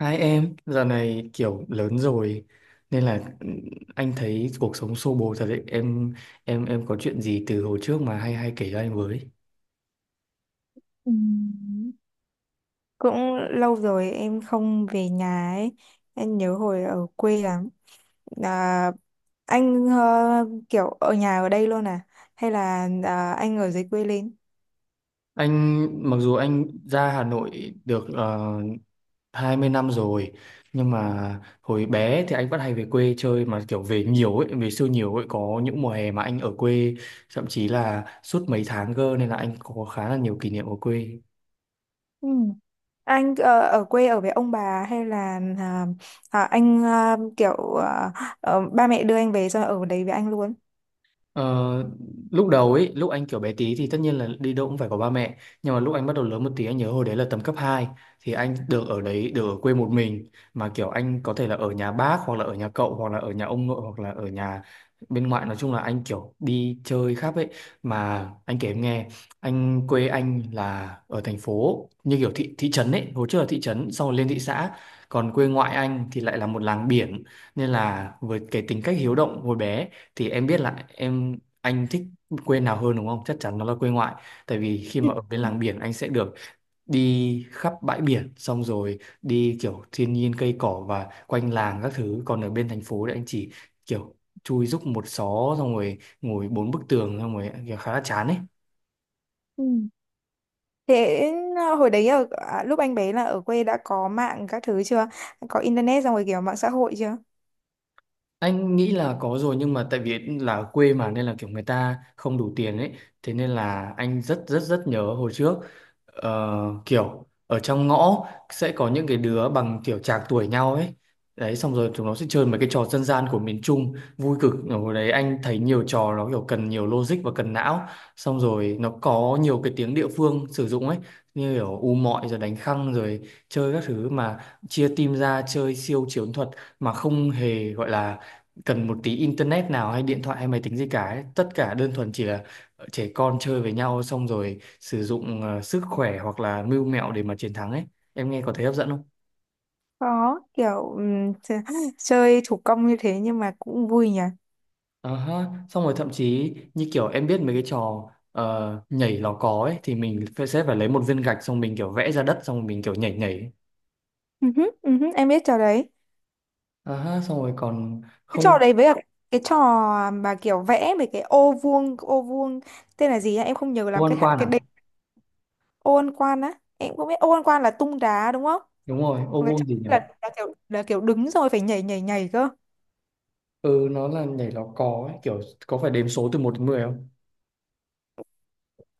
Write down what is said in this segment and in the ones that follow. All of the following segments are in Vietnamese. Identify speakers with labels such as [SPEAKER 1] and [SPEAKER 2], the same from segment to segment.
[SPEAKER 1] Hai em, giờ này kiểu lớn rồi nên là anh thấy cuộc sống xô bồ thật đấy. Em có chuyện gì từ hồi trước mà hay hay kể cho anh với.
[SPEAKER 2] Ừm, Cũng lâu rồi em không về nhà ấy. Em nhớ hồi ở quê lắm. À, anh kiểu ở nhà ở đây luôn à? Hay là anh ở dưới quê lên?
[SPEAKER 1] Anh mặc dù anh ra Hà Nội được 20 năm rồi nhưng mà hồi bé thì anh vẫn hay về quê chơi mà kiểu về nhiều ấy, về siêu nhiều ấy, có những mùa hè mà anh ở quê thậm chí là suốt mấy tháng cơ nên là anh có khá là nhiều kỷ niệm ở quê.
[SPEAKER 2] Ừ. Anh ở quê ở với ông bà hay là anh kiểu ba mẹ đưa anh về rồi ở đấy với anh luôn?
[SPEAKER 1] Ờ, lúc đầu ấy, lúc anh kiểu bé tí thì tất nhiên là đi đâu cũng phải có ba mẹ. Nhưng mà lúc anh bắt đầu lớn một tí anh nhớ hồi đấy là tầm cấp hai. Thì anh được ở đấy, được ở quê một mình. Mà kiểu anh có thể là ở nhà bác hoặc là ở nhà cậu hoặc là ở nhà ông nội hoặc là ở nhà bên ngoại. Nói chung là anh kiểu đi chơi khắp ấy. Mà anh kể em nghe, anh quê anh là ở thành phố như kiểu thị trấn ấy. Hồi trước là thị trấn, sau rồi lên thị xã. Còn quê ngoại anh thì lại là một làng biển. Nên là với cái tính cách hiếu động hồi bé thì em biết là em anh thích quê nào hơn đúng không? Chắc chắn nó là quê ngoại. Tại vì khi mà ở bên làng biển anh sẽ được đi khắp bãi biển xong rồi đi kiểu thiên nhiên cây cỏ và quanh làng các thứ. Còn ở bên thành phố thì anh chỉ kiểu chui rúc một xó xong rồi ngồi bốn bức tường xong rồi kiểu khá là chán ấy.
[SPEAKER 2] Ừ. Thế hồi đấy ở lúc anh bé là ở quê đã có mạng các thứ chưa? Có internet xong rồi kiểu mạng xã hội chưa?
[SPEAKER 1] Anh nghĩ là có rồi nhưng mà tại vì là ở quê mà nên là kiểu người ta không đủ tiền ấy. Thế nên là anh rất rất rất nhớ hồi trước, ờ, kiểu ở trong ngõ sẽ có những cái đứa bằng kiểu trạc tuổi nhau ấy. Đấy, xong rồi chúng nó sẽ chơi mấy cái trò dân gian của miền Trung vui cực. Ở hồi đấy anh thấy nhiều trò nó kiểu cần nhiều logic và cần não. Xong rồi nó có nhiều cái tiếng địa phương sử dụng ấy, như kiểu u mọi rồi đánh khăng rồi chơi các thứ mà chia team ra chơi siêu chiến thuật mà không hề gọi là cần một tí internet nào hay điện thoại hay máy tính gì cả ấy. Tất cả đơn thuần chỉ là trẻ con chơi với nhau xong rồi sử dụng sức khỏe hoặc là mưu mẹo để mà chiến thắng ấy, em nghe có thấy hấp dẫn không?
[SPEAKER 2] Có kiểu chơi thủ công như thế nhưng mà cũng vui nhỉ.
[SPEAKER 1] Ờ ha. Xong rồi thậm chí như kiểu em biết mấy cái trò nhảy lò cò ấy thì mình phải sẽ phải lấy một viên gạch xong mình kiểu vẽ ra đất xong mình kiểu nhảy nhảy ấy.
[SPEAKER 2] Ừ hứ, em biết trò đấy.
[SPEAKER 1] Ờ ha, xong rồi còn
[SPEAKER 2] Cái trò
[SPEAKER 1] không?
[SPEAKER 2] đấy với cả cái trò mà kiểu vẽ mấy cái ô vuông tên là gì á? Em không nhớ
[SPEAKER 1] Ô
[SPEAKER 2] làm
[SPEAKER 1] ăn
[SPEAKER 2] cái
[SPEAKER 1] quan
[SPEAKER 2] cái
[SPEAKER 1] à?
[SPEAKER 2] đệm ô ăn quan á. Em cũng biết ô ăn quan là tung đá đúng không?
[SPEAKER 1] Đúng rồi, ô
[SPEAKER 2] Còn cái trò
[SPEAKER 1] vuông gì nhỉ?
[SPEAKER 2] kia là kiểu là kiểu đứng rồi phải nhảy nhảy nhảy cơ.
[SPEAKER 1] Ừ, nó là nhảy lò cò ấy, kiểu có phải đếm số từ một đến 10 không?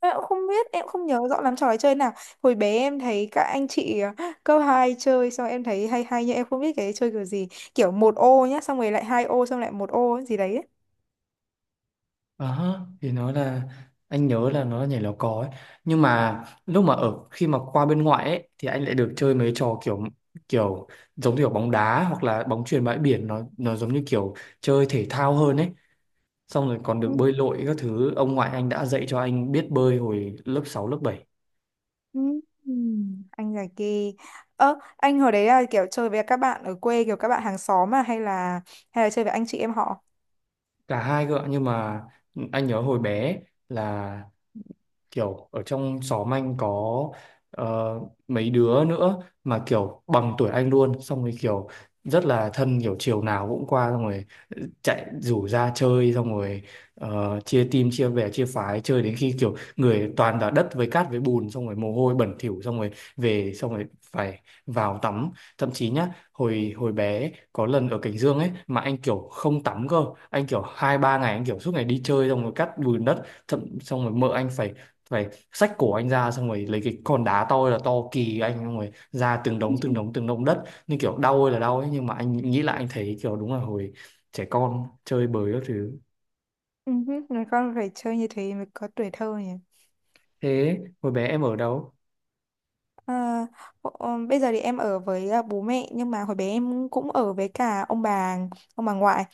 [SPEAKER 2] Em cũng không biết, em không nhớ rõ lắm trò chơi nào. Hồi bé em thấy các anh chị cấp 2 chơi xong em thấy hay hay nhưng em không biết cái chơi kiểu gì. Kiểu một ô nhá, xong rồi lại hai ô xong lại một ô ấy, gì đấy.
[SPEAKER 1] À ha, thì nó là anh nhớ là nó là nhảy lò cò ấy, nhưng mà lúc mà ở khi mà qua bên ngoại ấy thì anh lại được chơi mấy trò kiểu kiểu giống như kiểu bóng đá hoặc là bóng chuyền bãi biển, nó giống như kiểu chơi thể thao hơn ấy, xong rồi còn được
[SPEAKER 2] Ừ,
[SPEAKER 1] bơi lội các thứ, ông ngoại anh đã dạy cho anh biết bơi hồi lớp 6 lớp 7.
[SPEAKER 2] ừ, Ừ, anh giải kỳ. Ơ, anh hồi đấy là kiểu chơi với các bạn ở quê kiểu các bạn hàng xóm mà hay là chơi với anh chị em họ?
[SPEAKER 1] Cả hai cơ ạ. Nhưng mà anh nhớ hồi bé là kiểu ở trong xóm anh có ờ, mấy đứa nữa mà kiểu bằng tuổi anh luôn, xong rồi kiểu rất là thân, kiểu chiều nào cũng qua xong rồi chạy rủ ra chơi xong rồi chia team chia bè chia phái chơi đến khi kiểu người toàn là đất với cát với bùn xong rồi mồ hôi bẩn thỉu xong rồi về xong rồi phải vào tắm. Thậm chí nhá, hồi hồi bé có lần ở Cảnh Dương ấy mà anh kiểu không tắm cơ, anh kiểu hai ba ngày anh kiểu suốt ngày đi chơi xong rồi cắt bùn đất, thậm xong rồi mợ anh phải phải xách cổ anh ra xong rồi lấy cái con đá to ơi là to kỳ anh xong rồi ra từng đống từng đống từng đống đất như kiểu đau ơi là đau ấy, nhưng mà anh nghĩ lại anh thấy kiểu đúng là hồi trẻ con chơi bời các thứ.
[SPEAKER 2] Ừ, người con phải chơi như thế mới có tuổi thơ nhỉ.
[SPEAKER 1] Thế hồi bé em ở đâu?
[SPEAKER 2] À, Bây giờ thì em ở với bố mẹ nhưng mà hồi bé em cũng ở với cả ông bà ngoại.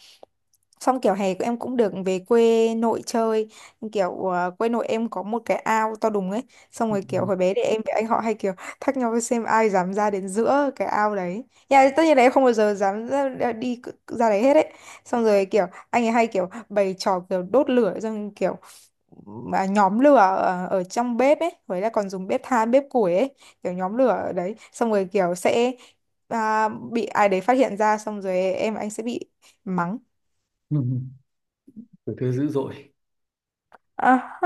[SPEAKER 2] Xong kiểu hè em cũng được về quê nội chơi. Nhưng kiểu quê nội em có một cái ao to đùng ấy. Xong rồi kiểu hồi bé thì em với anh họ hay kiểu thách nhau xem ai dám ra đến giữa cái ao đấy. Nhà tất nhiên là em không bao giờ dám ra đấy hết ấy. Xong rồi kiểu anh ấy hay kiểu bày trò kiểu đốt lửa. Xong kiểu mà nhóm lửa ở trong bếp ấy. Với là còn dùng bếp than, bếp củi ấy. Kiểu nhóm lửa ở đấy. Xong rồi kiểu sẽ bị ai đấy phát hiện ra. Xong rồi em và anh sẽ bị mắng.
[SPEAKER 1] Ừ. Tuổi thơ dữ dội.
[SPEAKER 2] À,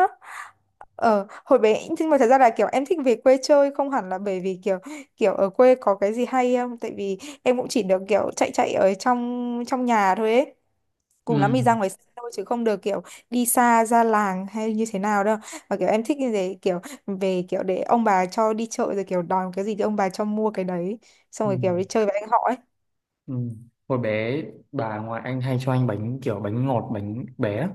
[SPEAKER 2] Hồi bé nhưng mà thật ra là kiểu em thích về quê chơi không hẳn là bởi vì kiểu kiểu ở quê có cái gì hay không tại vì em cũng chỉ được kiểu chạy chạy ở trong trong nhà thôi ấy, cùng lắm
[SPEAKER 1] Ừ.
[SPEAKER 2] thì ra ngoài sân thôi chứ không được kiểu đi xa ra làng hay như thế nào đâu, mà kiểu em thích như thế kiểu về kiểu để ông bà cho đi chợ rồi kiểu đòi cái gì thì ông bà cho mua cái đấy, xong
[SPEAKER 1] Ừ.
[SPEAKER 2] rồi kiểu đi chơi với anh họ ấy.
[SPEAKER 1] Ừ. Hồi bé bà ngoại anh hay cho anh bánh kiểu bánh ngọt bánh bé á.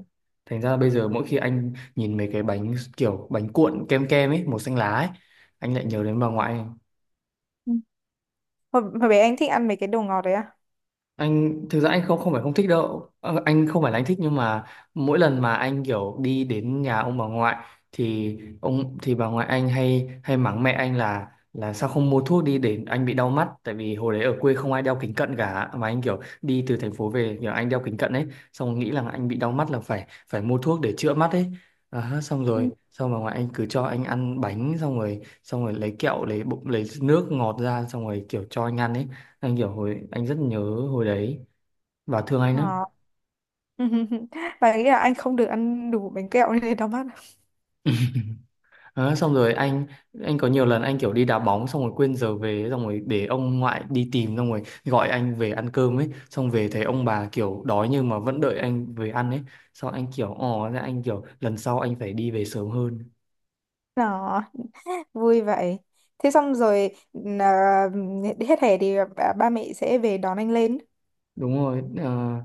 [SPEAKER 1] Thành ra bây giờ mỗi khi anh nhìn mấy cái bánh kiểu bánh cuộn kem kem ấy màu xanh lá ấy, anh lại nhớ đến bà ngoại.
[SPEAKER 2] Ừ. Hồi bé anh thích ăn mấy cái đồ ngọt đấy à?
[SPEAKER 1] Anh thực ra anh không không phải không thích đâu. Ờ, anh không phải là anh thích, nhưng mà mỗi lần mà anh kiểu đi đến nhà ông bà ngoại thì ông thì bà ngoại anh hay hay mắng mẹ anh là sao không mua thuốc đi để anh bị đau mắt, tại vì hồi đấy ở quê không ai đeo kính cận cả mà anh kiểu đi từ thành phố về kiểu anh đeo kính cận ấy, xong nghĩ là anh bị đau mắt là phải phải mua thuốc để chữa mắt ấy. À, xong
[SPEAKER 2] Ừ.
[SPEAKER 1] rồi xong bà ngoại anh cứ cho anh ăn bánh xong rồi lấy kẹo lấy bụng lấy nước ngọt ra xong rồi kiểu cho anh ăn ấy, anh kiểu hồi anh rất nhớ hồi đấy và thương anh lắm.
[SPEAKER 2] Ờ. Và nghĩ là anh không được ăn đủ bánh kẹo nên đau mắt.
[SPEAKER 1] Đó, xong rồi anh có nhiều lần anh kiểu đi đá bóng xong rồi quên giờ về xong rồi để ông ngoại đi tìm xong rồi gọi anh về ăn cơm ấy, xong về thấy ông bà kiểu đói nhưng mà vẫn đợi anh về ăn ấy, xong anh kiểu ồ ra anh kiểu lần sau anh phải đi về sớm hơn.
[SPEAKER 2] Đó vui vậy thế xong rồi à, hết hè thì ba ba mẹ sẽ về đón anh lên.
[SPEAKER 1] Đúng rồi. Ờ,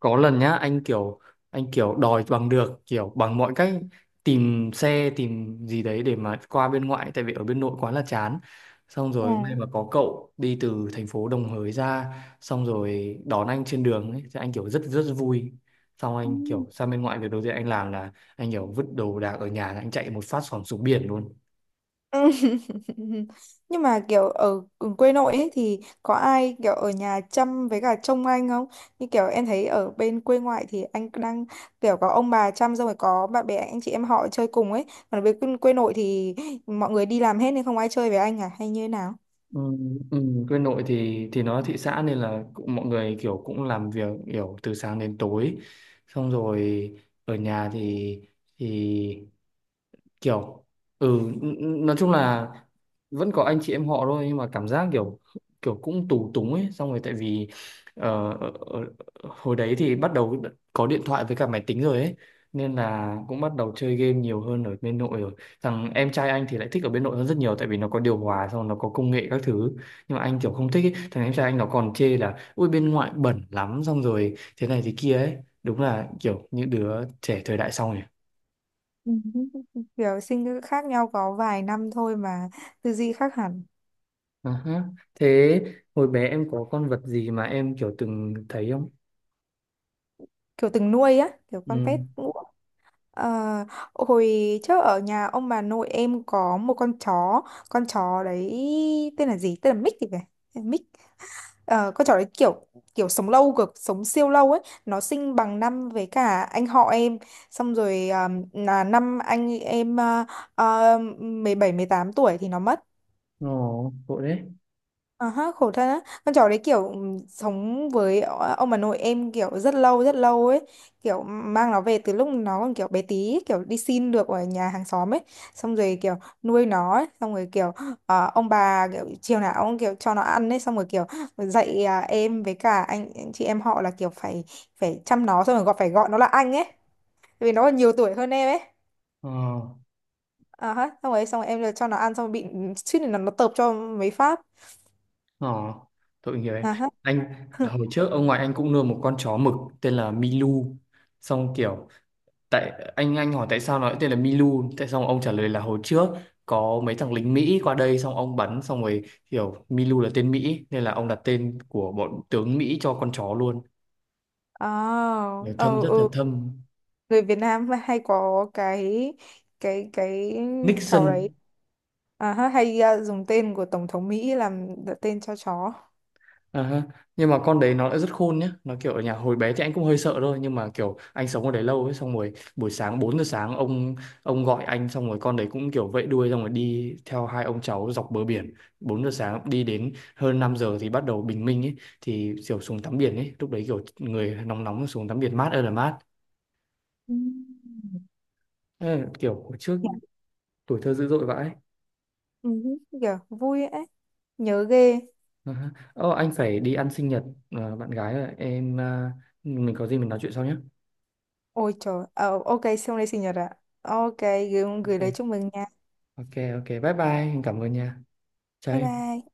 [SPEAKER 1] có lần nhá anh kiểu đòi bằng được kiểu bằng mọi cách tìm xe tìm gì đấy để mà qua bên ngoại tại vì ở bên nội quá là chán, xong rồi may
[SPEAKER 2] À.
[SPEAKER 1] mà có cậu đi từ thành phố Đồng Hới ra xong rồi đón anh trên đường ấy thì anh kiểu rất rất vui. Xong
[SPEAKER 2] Ừ.
[SPEAKER 1] anh kiểu sang bên ngoại việc đầu tiên anh làm là anh kiểu vứt đồ đạc ở nhà anh chạy một phát xỏng xuống biển luôn.
[SPEAKER 2] Ừ. Nhưng mà kiểu ở quê nội ấy thì có ai kiểu ở nhà chăm với cả trông anh không, như kiểu em thấy ở bên quê ngoại thì anh đang kiểu có ông bà chăm xong rồi có bạn bè anh chị em họ chơi cùng ấy, còn ở bên quê quê nội thì mọi người đi làm hết nên không ai chơi với anh à hay như thế nào?
[SPEAKER 1] Ừ, ừ, quê nội thì nó thị xã nên là cũng, mọi người kiểu cũng làm việc kiểu từ sáng đến tối, xong rồi ở nhà thì thì kiểu ừ nói chung là vẫn có anh chị em họ thôi, nhưng mà cảm giác kiểu kiểu cũng tù túng ấy, xong rồi tại vì ờ, ờ, ờ, hồi đấy thì bắt đầu có điện thoại với cả máy tính rồi ấy, nên là cũng bắt đầu chơi game nhiều hơn ở bên nội rồi. Thằng em trai anh thì lại thích ở bên nội hơn rất nhiều tại vì nó có điều hòa xong rồi nó có công nghệ các thứ, nhưng mà anh kiểu không thích ấy. Thằng em trai anh nó còn chê là ui bên ngoại bẩn lắm xong rồi thế này thế kia ấy, đúng là kiểu những đứa trẻ thời đại sau nhỉ.
[SPEAKER 2] Ừ, kiểu sinh khác nhau có vài năm thôi mà tư duy khác hẳn.
[SPEAKER 1] À ha. Thế hồi bé em có con vật gì mà em kiểu từng thấy không?
[SPEAKER 2] Kiểu từng nuôi á kiểu con
[SPEAKER 1] Ừ.
[SPEAKER 2] pet ngũ. Ờ, hồi trước ở nhà ông bà nội em có một con chó. Con chó đấy tên là gì, tên là Mick thì phải. Tên là Mick. Ờ, con chó đấy kiểu kiểu sống lâu cực, sống siêu lâu ấy. Nó sinh bằng năm với cả anh họ em. Xong rồi là năm anh em 17 18 tuổi thì nó mất.
[SPEAKER 1] Ồ, tội đấy.
[SPEAKER 2] À ha, khổ thân á. Con chó đấy kiểu sống với ông bà nội em kiểu rất lâu ấy. Kiểu mang nó về từ lúc nó còn kiểu bé tí ấy, kiểu đi xin được ở nhà hàng xóm ấy. Xong rồi kiểu nuôi nó ấy. Xong rồi kiểu ông bà kiểu chiều nào ông kiểu cho nó ăn ấy. Xong rồi kiểu dạy em với cả anh chị em họ là kiểu phải phải chăm nó. Xong rồi phải gọi nó là anh ấy. Tại vì nó còn nhiều tuổi hơn em ấy.
[SPEAKER 1] Ờ,
[SPEAKER 2] À ha, xong rồi em cho nó ăn xong rồi bị suýt nữa nó tợp cho mấy phát.
[SPEAKER 1] ờ, tội nghiệp em.
[SPEAKER 2] À ha.
[SPEAKER 1] Anh, hồi trước ông ngoại anh cũng nuôi một con chó mực tên là Milu. Xong kiểu, tại anh hỏi tại sao nó lại tên là Milu. Tại xong ông trả lời là hồi trước có mấy thằng lính Mỹ qua đây xong ông bắn xong rồi kiểu Milu là tên Mỹ nên là ông đặt tên của bọn tướng Mỹ cho con chó luôn.
[SPEAKER 2] À,
[SPEAKER 1] Để
[SPEAKER 2] ờ,
[SPEAKER 1] Thâm rất là
[SPEAKER 2] ừ.
[SPEAKER 1] thâm.
[SPEAKER 2] Người Việt Nam hay có cái cái
[SPEAKER 1] Nixon.
[SPEAKER 2] cháu đấy, hay dùng tên của Tổng thống Mỹ làm tên cho chó.
[SPEAKER 1] À, ha. Nhưng mà con đấy nó lại rất khôn nhá, nó kiểu ở nhà hồi bé thì anh cũng hơi sợ thôi nhưng mà kiểu anh sống ở đấy lâu ấy, xong rồi buổi sáng 4 giờ sáng ông gọi anh xong rồi con đấy cũng kiểu vẫy đuôi xong rồi đi theo hai ông cháu dọc bờ biển, 4 giờ sáng đi đến hơn 5 giờ thì bắt đầu bình minh ấy, thì kiểu xuống tắm biển ấy, lúc đấy kiểu người nóng nóng xuống tắm biển mát ơi là mát.
[SPEAKER 2] Ừm.
[SPEAKER 1] Ê, kiểu hồi trước tuổi thơ dữ dội vãi.
[SPEAKER 2] Ừ, kìa, vui ấy, nhớ ghê.
[SPEAKER 1] À ha. Ờ, anh phải đi ăn sinh nhật bạn gái rồi em, mình có gì mình nói chuyện sau nhé.
[SPEAKER 2] Ôi trời, ờ, ok, xong đây sinh nhật ạ. Ok, gửi lời
[SPEAKER 1] Ok,
[SPEAKER 2] chúc mừng nha.
[SPEAKER 1] ok, ok, bye bye, cảm ơn nha.
[SPEAKER 2] Bye
[SPEAKER 1] Cháy.
[SPEAKER 2] bye.